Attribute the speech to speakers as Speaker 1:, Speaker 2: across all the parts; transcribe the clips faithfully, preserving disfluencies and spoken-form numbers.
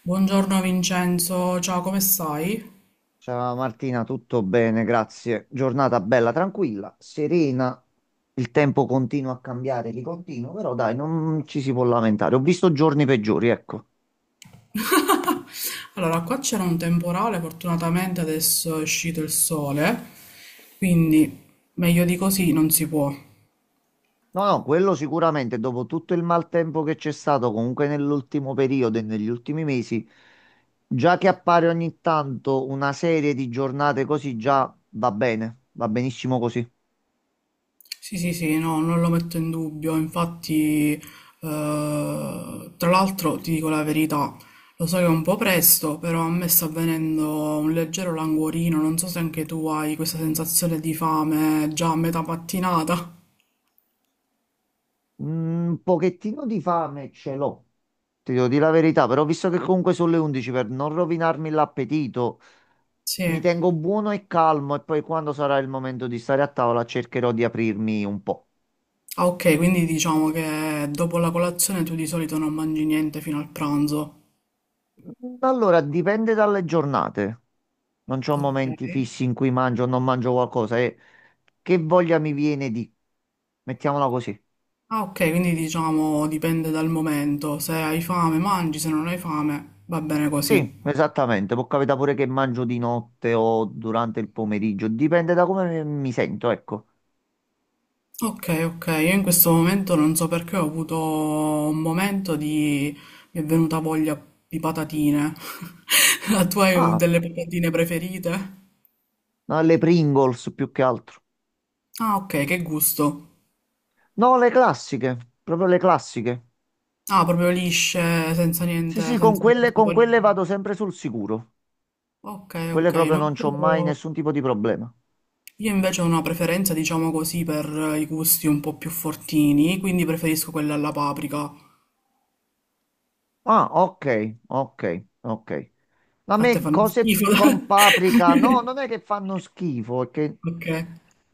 Speaker 1: Buongiorno Vincenzo, ciao, come stai?
Speaker 2: Ciao Martina, tutto bene, grazie. Giornata bella, tranquilla, serena. Il tempo continua a cambiare di continuo, però dai, non ci si può lamentare. Ho visto giorni peggiori, ecco.
Speaker 1: Allora, qua c'era un temporale, fortunatamente adesso è uscito il sole, quindi meglio di così non si può.
Speaker 2: No, no, quello sicuramente, dopo tutto il maltempo che c'è stato comunque nell'ultimo periodo e negli ultimi mesi, già che appare ogni tanto una serie di giornate così, già va bene, va benissimo così.
Speaker 1: Sì, sì, sì, no, non lo metto in dubbio, infatti, eh, tra l'altro ti dico la verità, lo so che è un po' presto, però a me sta avvenendo un leggero languorino, non so se anche tu hai questa sensazione di fame già a metà mattinata.
Speaker 2: Un pochettino di fame ce l'ho. Ti devo dire la verità, però visto che comunque sono le undici per non rovinarmi l'appetito,
Speaker 1: Sì.
Speaker 2: mi tengo buono e calmo e poi quando sarà il momento di stare a tavola cercherò di aprirmi un po'.
Speaker 1: Ah, ok, quindi diciamo che dopo la colazione tu di solito non mangi niente fino al pranzo.
Speaker 2: Allora, dipende dalle giornate. Non c'ho
Speaker 1: Ok.
Speaker 2: momenti fissi in cui mangio o non mangio qualcosa e che voglia mi viene di... Mettiamola così.
Speaker 1: Ah, ok, quindi diciamo dipende dal momento. Se hai fame mangi, se non hai fame va bene così.
Speaker 2: Sì, esattamente, può capitare pure che mangio di notte o durante il pomeriggio, dipende da come mi mi sento, ecco.
Speaker 1: Ok, ok, io in questo momento non so perché ho avuto un momento di... mi è venuta voglia di patatine. La tua è
Speaker 2: Ah,
Speaker 1: delle patatine preferite?
Speaker 2: alle Pringles più che altro.
Speaker 1: Ah, ok, che gusto.
Speaker 2: No, le classiche, proprio le classiche.
Speaker 1: Ah, proprio lisce, senza
Speaker 2: Sì,
Speaker 1: niente,
Speaker 2: sì, con
Speaker 1: senza
Speaker 2: quelle,
Speaker 1: queste
Speaker 2: con
Speaker 1: cose.
Speaker 2: quelle vado sempre sul sicuro.
Speaker 1: Ok,
Speaker 2: Quelle
Speaker 1: ok,
Speaker 2: proprio
Speaker 1: no,
Speaker 2: non c'ho mai
Speaker 1: io,
Speaker 2: nessun tipo di problema.
Speaker 1: io invece ho una preferenza, diciamo così, per eh, i gusti un po' più fortini, quindi preferisco quella alla paprika.
Speaker 2: Ah, ok, ok, ok. A
Speaker 1: A te
Speaker 2: me
Speaker 1: fanno
Speaker 2: cose
Speaker 1: schifo.
Speaker 2: con paprika, no, non è che fanno schifo, è che
Speaker 1: Ok.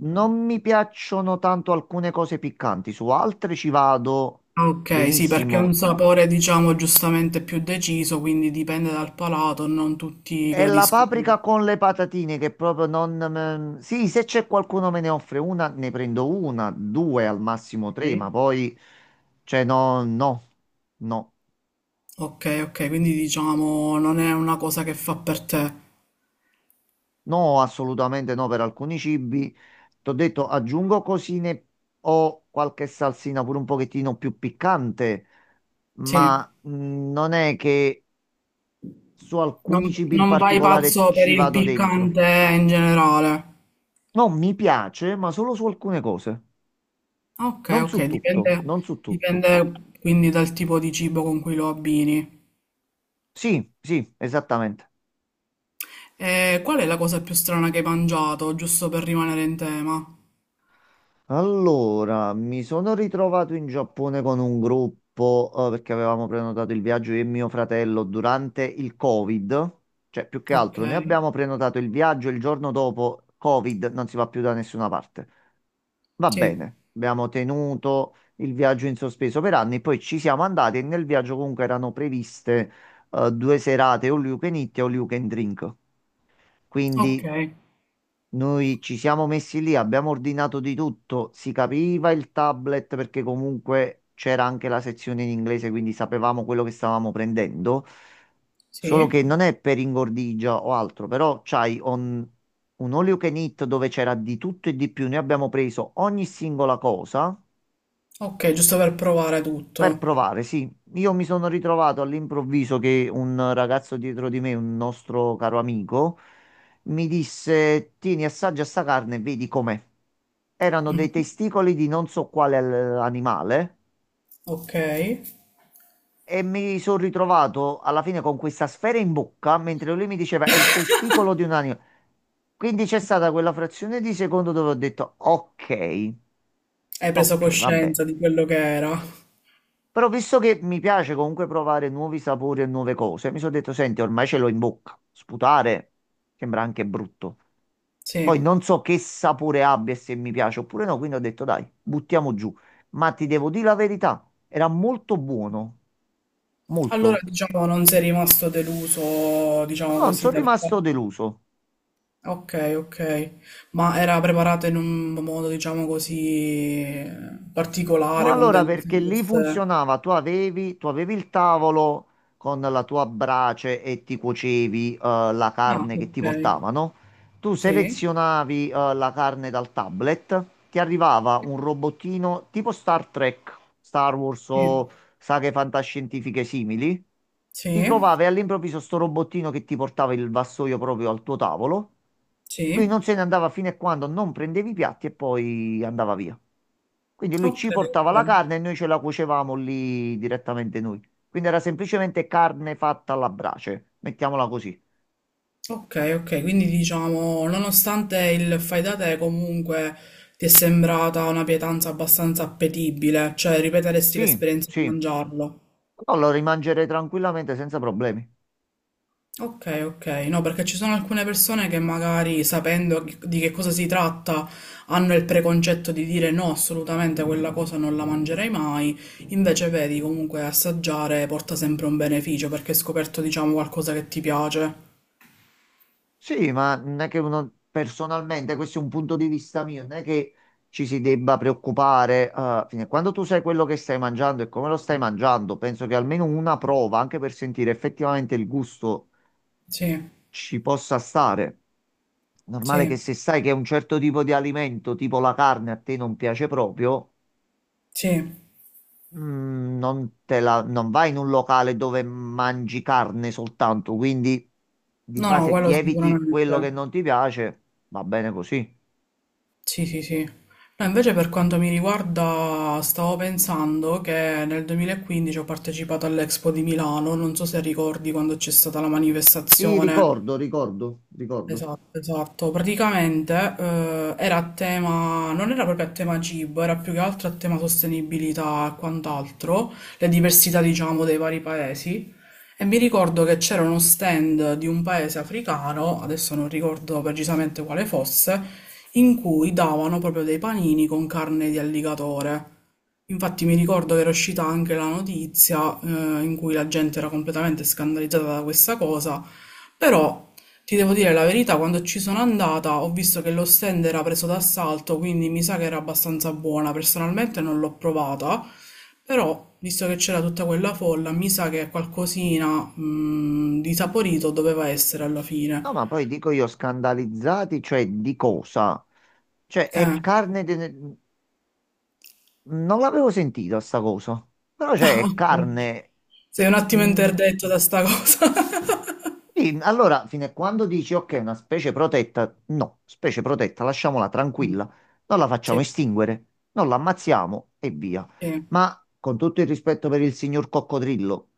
Speaker 2: non mi piacciono tanto alcune cose piccanti, su altre ci vado
Speaker 1: Ah, ok, sì, perché è un
Speaker 2: benissimo.
Speaker 1: sapore, diciamo, giustamente più deciso, quindi dipende dal palato, non tutti
Speaker 2: È la
Speaker 1: gradiscono.
Speaker 2: paprika con le patatine che proprio non me- Sì, se c'è qualcuno me ne offre una, ne prendo una, due al massimo
Speaker 1: Ok,
Speaker 2: tre, ma poi... Cioè, no, no, no,
Speaker 1: ok, ok, quindi diciamo non è una cosa che fa per te.
Speaker 2: no, assolutamente no per alcuni cibi. Ti ho detto, aggiungo cosine o qualche salsina pure un pochettino più piccante,
Speaker 1: Sì,
Speaker 2: ma mh, non è che su alcuni
Speaker 1: non,
Speaker 2: cibi in
Speaker 1: non vai
Speaker 2: particolare
Speaker 1: pazzo per
Speaker 2: ci
Speaker 1: il
Speaker 2: vado dentro.
Speaker 1: piccante in generale.
Speaker 2: No, mi piace, ma solo su alcune cose,
Speaker 1: Okay,
Speaker 2: non su
Speaker 1: okay, dipende,
Speaker 2: tutto, non su tutto.
Speaker 1: dipende quindi dal tipo di cibo con cui lo abbini.
Speaker 2: Sì, sì, esattamente.
Speaker 1: E qual è la cosa più strana che hai mangiato, giusto per rimanere in tema?
Speaker 2: Allora, mi sono ritrovato in Giappone con un gruppo, eh, perché avevamo prenotato il viaggio io e mio fratello durante il Covid. Cioè, più che
Speaker 1: Ok,
Speaker 2: altro, noi abbiamo prenotato il viaggio e il giorno dopo Covid, non si va più da nessuna parte. Va
Speaker 1: sì,
Speaker 2: bene, abbiamo tenuto il viaggio in sospeso per anni, poi ci siamo andati e nel viaggio comunque erano previste eh, due serate all you can eat e all you can drink.
Speaker 1: ok,
Speaker 2: Quindi noi ci siamo messi lì, abbiamo ordinato di tutto, si capiva il tablet perché comunque c'era anche la sezione in inglese, quindi sapevamo quello che stavamo prendendo. Solo
Speaker 1: sì,
Speaker 2: che non è per ingordigia o altro, però c'hai on- un all you can eat dove c'era di tutto e di più. Noi abbiamo preso ogni singola cosa
Speaker 1: ok, giusto per provare
Speaker 2: per
Speaker 1: tutto.
Speaker 2: provare, sì. Io mi sono ritrovato all'improvviso che un ragazzo dietro di me, un nostro caro amico, mi disse: Tieni, assaggia sta carne e vedi com'è. Erano dei testicoli di non so quale eh, animale,
Speaker 1: Ok, hai
Speaker 2: e mi sono ritrovato alla fine con questa sfera in bocca mentre lui mi diceva è il testicolo di un animale. Quindi c'è stata quella frazione di secondo dove ho detto ok,
Speaker 1: preso
Speaker 2: ok, va bene.
Speaker 1: coscienza di quello che era.
Speaker 2: Però visto che mi piace comunque provare nuovi sapori e nuove cose, mi sono detto, senti, ormai ce l'ho in bocca. Sputare sembra anche brutto. Poi
Speaker 1: Sì,
Speaker 2: non so che sapore abbia e se mi piace oppure no, quindi ho detto dai, buttiamo giù. Ma ti devo dire la verità, era molto buono,
Speaker 1: allora
Speaker 2: molto.
Speaker 1: diciamo non sei rimasto deluso, diciamo
Speaker 2: Però non
Speaker 1: così,
Speaker 2: sono
Speaker 1: dal
Speaker 2: rimasto
Speaker 1: fatto.
Speaker 2: deluso.
Speaker 1: Ok, ok. Ma era preparata in un modo, diciamo così, eh,
Speaker 2: No,
Speaker 1: particolare, con
Speaker 2: allora
Speaker 1: delle
Speaker 2: perché lì
Speaker 1: salse.
Speaker 2: funzionava, tu avevi, tu avevi il tavolo con la tua brace e ti cuocevi eh, la
Speaker 1: Ah,
Speaker 2: carne che ti
Speaker 1: ok.
Speaker 2: portavano, tu
Speaker 1: Sì,
Speaker 2: selezionavi eh, la carne dal tablet, ti arrivava un robottino tipo Star Trek, Star Wars
Speaker 1: sì,
Speaker 2: o saghe fantascientifiche simili, ti
Speaker 1: sì,
Speaker 2: trovavi all'improvviso sto robottino che ti portava il vassoio proprio al tuo tavolo, lui
Speaker 1: sì.
Speaker 2: non se ne andava fino a quando non prendevi i piatti e poi andava via. Quindi lui
Speaker 1: Ok,
Speaker 2: ci portava
Speaker 1: ok.
Speaker 2: la carne e noi ce la cuocevamo lì direttamente noi. Quindi era semplicemente carne fatta alla brace, mettiamola così.
Speaker 1: Ok, ok. Quindi diciamo, nonostante il fai da te, comunque ti è sembrata una pietanza abbastanza appetibile, cioè ripeteresti
Speaker 2: Sì,
Speaker 1: l'esperienza di
Speaker 2: sì,
Speaker 1: mangiarlo.
Speaker 2: però lo rimangerei tranquillamente senza problemi.
Speaker 1: Ok, ok, no, perché ci sono alcune persone che magari sapendo chi- di che cosa si tratta hanno il preconcetto di dire no, assolutamente quella cosa non la mangerei mai, invece vedi comunque assaggiare porta sempre un beneficio perché hai scoperto diciamo qualcosa che ti piace.
Speaker 2: Sì, ma non è che uno personalmente, questo è un punto di vista mio, non è che ci si debba preoccupare. Eh, fine- quando tu sai quello che stai mangiando e come lo stai mangiando, penso che almeno una prova, anche per sentire effettivamente il gusto,
Speaker 1: Sì,
Speaker 2: ci possa stare. Normale che
Speaker 1: sì,
Speaker 2: se sai che un certo tipo di alimento, tipo la carne, a te non piace proprio,
Speaker 1: sì,
Speaker 2: mm, non te la- non vai in un locale dove mangi carne soltanto. Quindi di
Speaker 1: no, no,
Speaker 2: base ti
Speaker 1: quello
Speaker 2: eviti
Speaker 1: sicuramente.
Speaker 2: quello che non ti piace, va bene così.
Speaker 1: Sì, sì, sì. No, invece per quanto mi riguarda, stavo pensando che nel duemilaquindici ho partecipato all'Expo di Milano, non so se ricordi quando c'è stata la
Speaker 2: Sì,
Speaker 1: manifestazione.
Speaker 2: ricordo, ricordo, ricordo.
Speaker 1: Esatto, esatto. Praticamente eh, era a tema, non era proprio a tema cibo, era più che altro a tema sostenibilità e quant'altro, le diversità, diciamo, dei vari paesi. E mi ricordo che c'era uno stand di un paese africano, adesso non ricordo precisamente quale fosse, in cui davano proprio dei panini con carne di alligatore. Infatti mi ricordo che era uscita anche la notizia eh, in cui la gente era completamente scandalizzata da questa cosa. Però ti devo dire la verità, quando ci sono andata ho visto che lo stand era preso d'assalto, quindi mi sa che era abbastanza buona. Personalmente non l'ho provata, però visto che c'era tutta quella folla, mi sa che qualcosina, mm, di saporito doveva essere alla
Speaker 2: No,
Speaker 1: fine.
Speaker 2: ma poi dico io scandalizzati, cioè di cosa? Cioè è
Speaker 1: Eh.
Speaker 2: carne. de- Non l'avevo sentita sta cosa. Però c'è carne.
Speaker 1: Sei un attimo
Speaker 2: Mm,
Speaker 1: interdetto da sta cosa.
Speaker 2: sì, allora, fino a quando dici ok, una specie protetta, no, specie protetta, lasciamola tranquilla, non la facciamo
Speaker 1: Sì,
Speaker 2: estinguere, non la ammazziamo e via.
Speaker 1: sì,
Speaker 2: Ma con tutto il rispetto per il signor coccodrillo,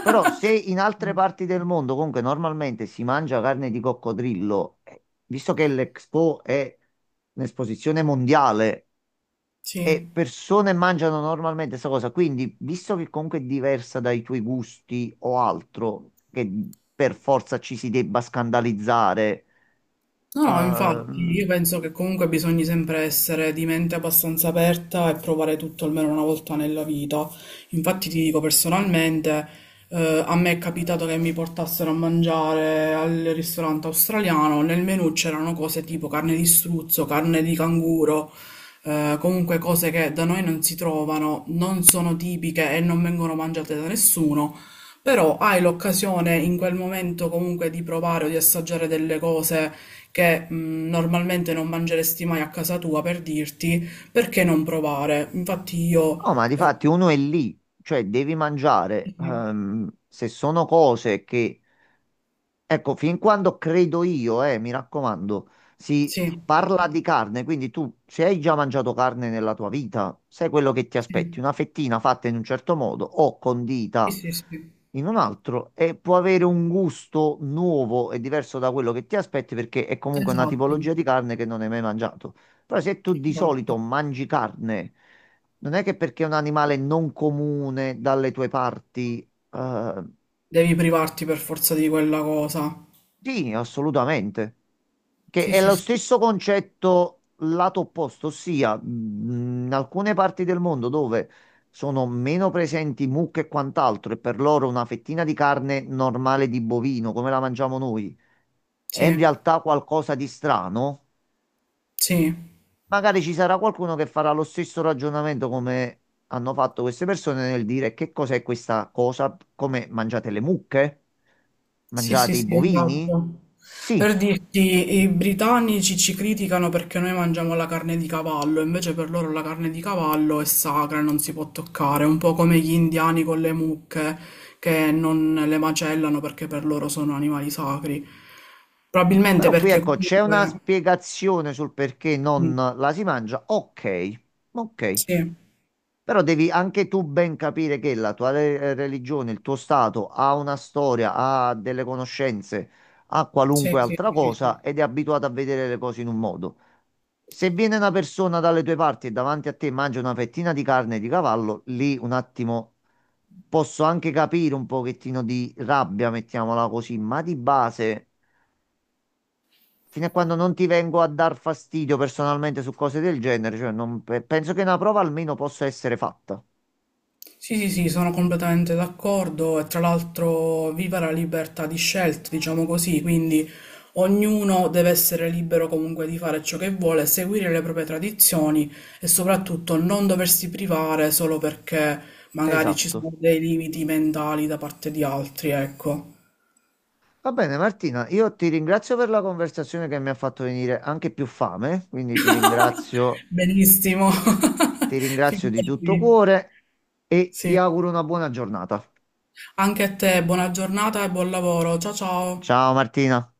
Speaker 2: però se in altre parti del mondo comunque normalmente si mangia carne di coccodrillo, eh, visto che l'Expo è un'esposizione mondiale
Speaker 1: sì.
Speaker 2: e persone mangiano normalmente questa cosa. Quindi, visto che comunque è diversa dai tuoi gusti o altro, che per forza ci si debba scandalizzare?
Speaker 1: No, no, infatti,
Speaker 2: ehm,
Speaker 1: io penso che comunque bisogna sempre essere di mente abbastanza aperta e provare tutto almeno una volta nella vita. Infatti ti dico personalmente, eh, a me è capitato che mi portassero a mangiare al ristorante australiano, nel menù c'erano cose tipo carne di struzzo, carne di canguro, eh, comunque cose che da noi non si trovano, non sono tipiche e non vengono mangiate da nessuno. Però hai l'occasione in quel momento comunque di provare o di assaggiare delle cose che, mh, normalmente non mangeresti mai a casa tua, per dirti perché non provare. Infatti io,
Speaker 2: no, ma di
Speaker 1: eh,
Speaker 2: fatti uno è lì, cioè devi mangiare.
Speaker 1: sì,
Speaker 2: Ehm, se sono cose che ecco, fin quando credo io, eh, mi raccomando, si parla di carne, quindi tu se hai già mangiato carne nella tua vita, sai quello che ti aspetti,
Speaker 1: sì,
Speaker 2: una fettina fatta in un certo modo o
Speaker 1: sì,
Speaker 2: condita
Speaker 1: sì, sì,
Speaker 2: in un altro, e può avere un gusto nuovo e diverso da quello che ti aspetti perché è comunque una
Speaker 1: esatto,
Speaker 2: tipologia di carne che non hai mai mangiato. Però se tu di
Speaker 1: esatto.
Speaker 2: solito mangi carne, non è che perché è un animale non comune dalle tue parti eh,
Speaker 1: Devi privarti per forza di quella cosa.
Speaker 2: sì, assolutamente. Che
Speaker 1: Sì,
Speaker 2: è
Speaker 1: sì,
Speaker 2: lo
Speaker 1: sì,
Speaker 2: stesso concetto lato opposto, ossia mh, in alcune parti del mondo dove sono meno presenti mucche e quant'altro, e per loro una fettina di carne normale di bovino, come la mangiamo noi, è in
Speaker 1: sì,
Speaker 2: realtà qualcosa di strano.
Speaker 1: sì.
Speaker 2: Magari ci sarà qualcuno che farà lo stesso ragionamento come hanno fatto queste persone nel dire che cos'è questa cosa, come mangiate le mucche?
Speaker 1: Sì, sì,
Speaker 2: Mangiate i
Speaker 1: sì,
Speaker 2: bovini?
Speaker 1: esatto.
Speaker 2: Sì.
Speaker 1: Per dirti, i britannici ci criticano perché noi mangiamo la carne di cavallo, invece per loro la carne di cavallo è sacra, e non si può toccare, un po' come gli indiani con le mucche che non le macellano perché per loro sono animali sacri. Probabilmente
Speaker 2: Però qui
Speaker 1: perché
Speaker 2: ecco, c'è una
Speaker 1: comunque...
Speaker 2: spiegazione sul perché non
Speaker 1: Mm,
Speaker 2: la si mangia. Ok, ok.
Speaker 1: Sì,
Speaker 2: Però devi anche tu ben capire che la tua re- eh, religione, il tuo stato ha una storia, ha delle conoscenze, ha
Speaker 1: sì,
Speaker 2: qualunque
Speaker 1: sì,
Speaker 2: altra
Speaker 1: sì, sì.
Speaker 2: cosa ed è abituato a vedere le cose in un modo. Se viene una persona dalle tue parti e davanti a te mangia una fettina di carne di cavallo, lì un attimo posso anche capire un pochettino di rabbia, mettiamola così, ma di base fino a quando non ti vengo a dar fastidio personalmente su cose del genere, cioè non pe- penso che una prova almeno possa essere fatta.
Speaker 1: Sì, sì, sì, sono completamente d'accordo e tra l'altro viva la libertà di scelta, diciamo così, quindi ognuno deve essere libero comunque di fare ciò che vuole, seguire le proprie tradizioni e soprattutto non doversi privare solo perché magari ci
Speaker 2: Esatto.
Speaker 1: sono dei limiti mentali da parte di altri, ecco.
Speaker 2: Va bene, Martina, io ti ringrazio per la conversazione che mi ha fatto venire anche più fame, quindi ti ringrazio,
Speaker 1: Benissimo,
Speaker 2: ti ringrazio di tutto
Speaker 1: figurati.
Speaker 2: cuore e ti
Speaker 1: Sì.
Speaker 2: auguro una buona giornata.
Speaker 1: Anche a te, buona giornata e buon lavoro. Ciao ciao.
Speaker 2: Ciao Martina.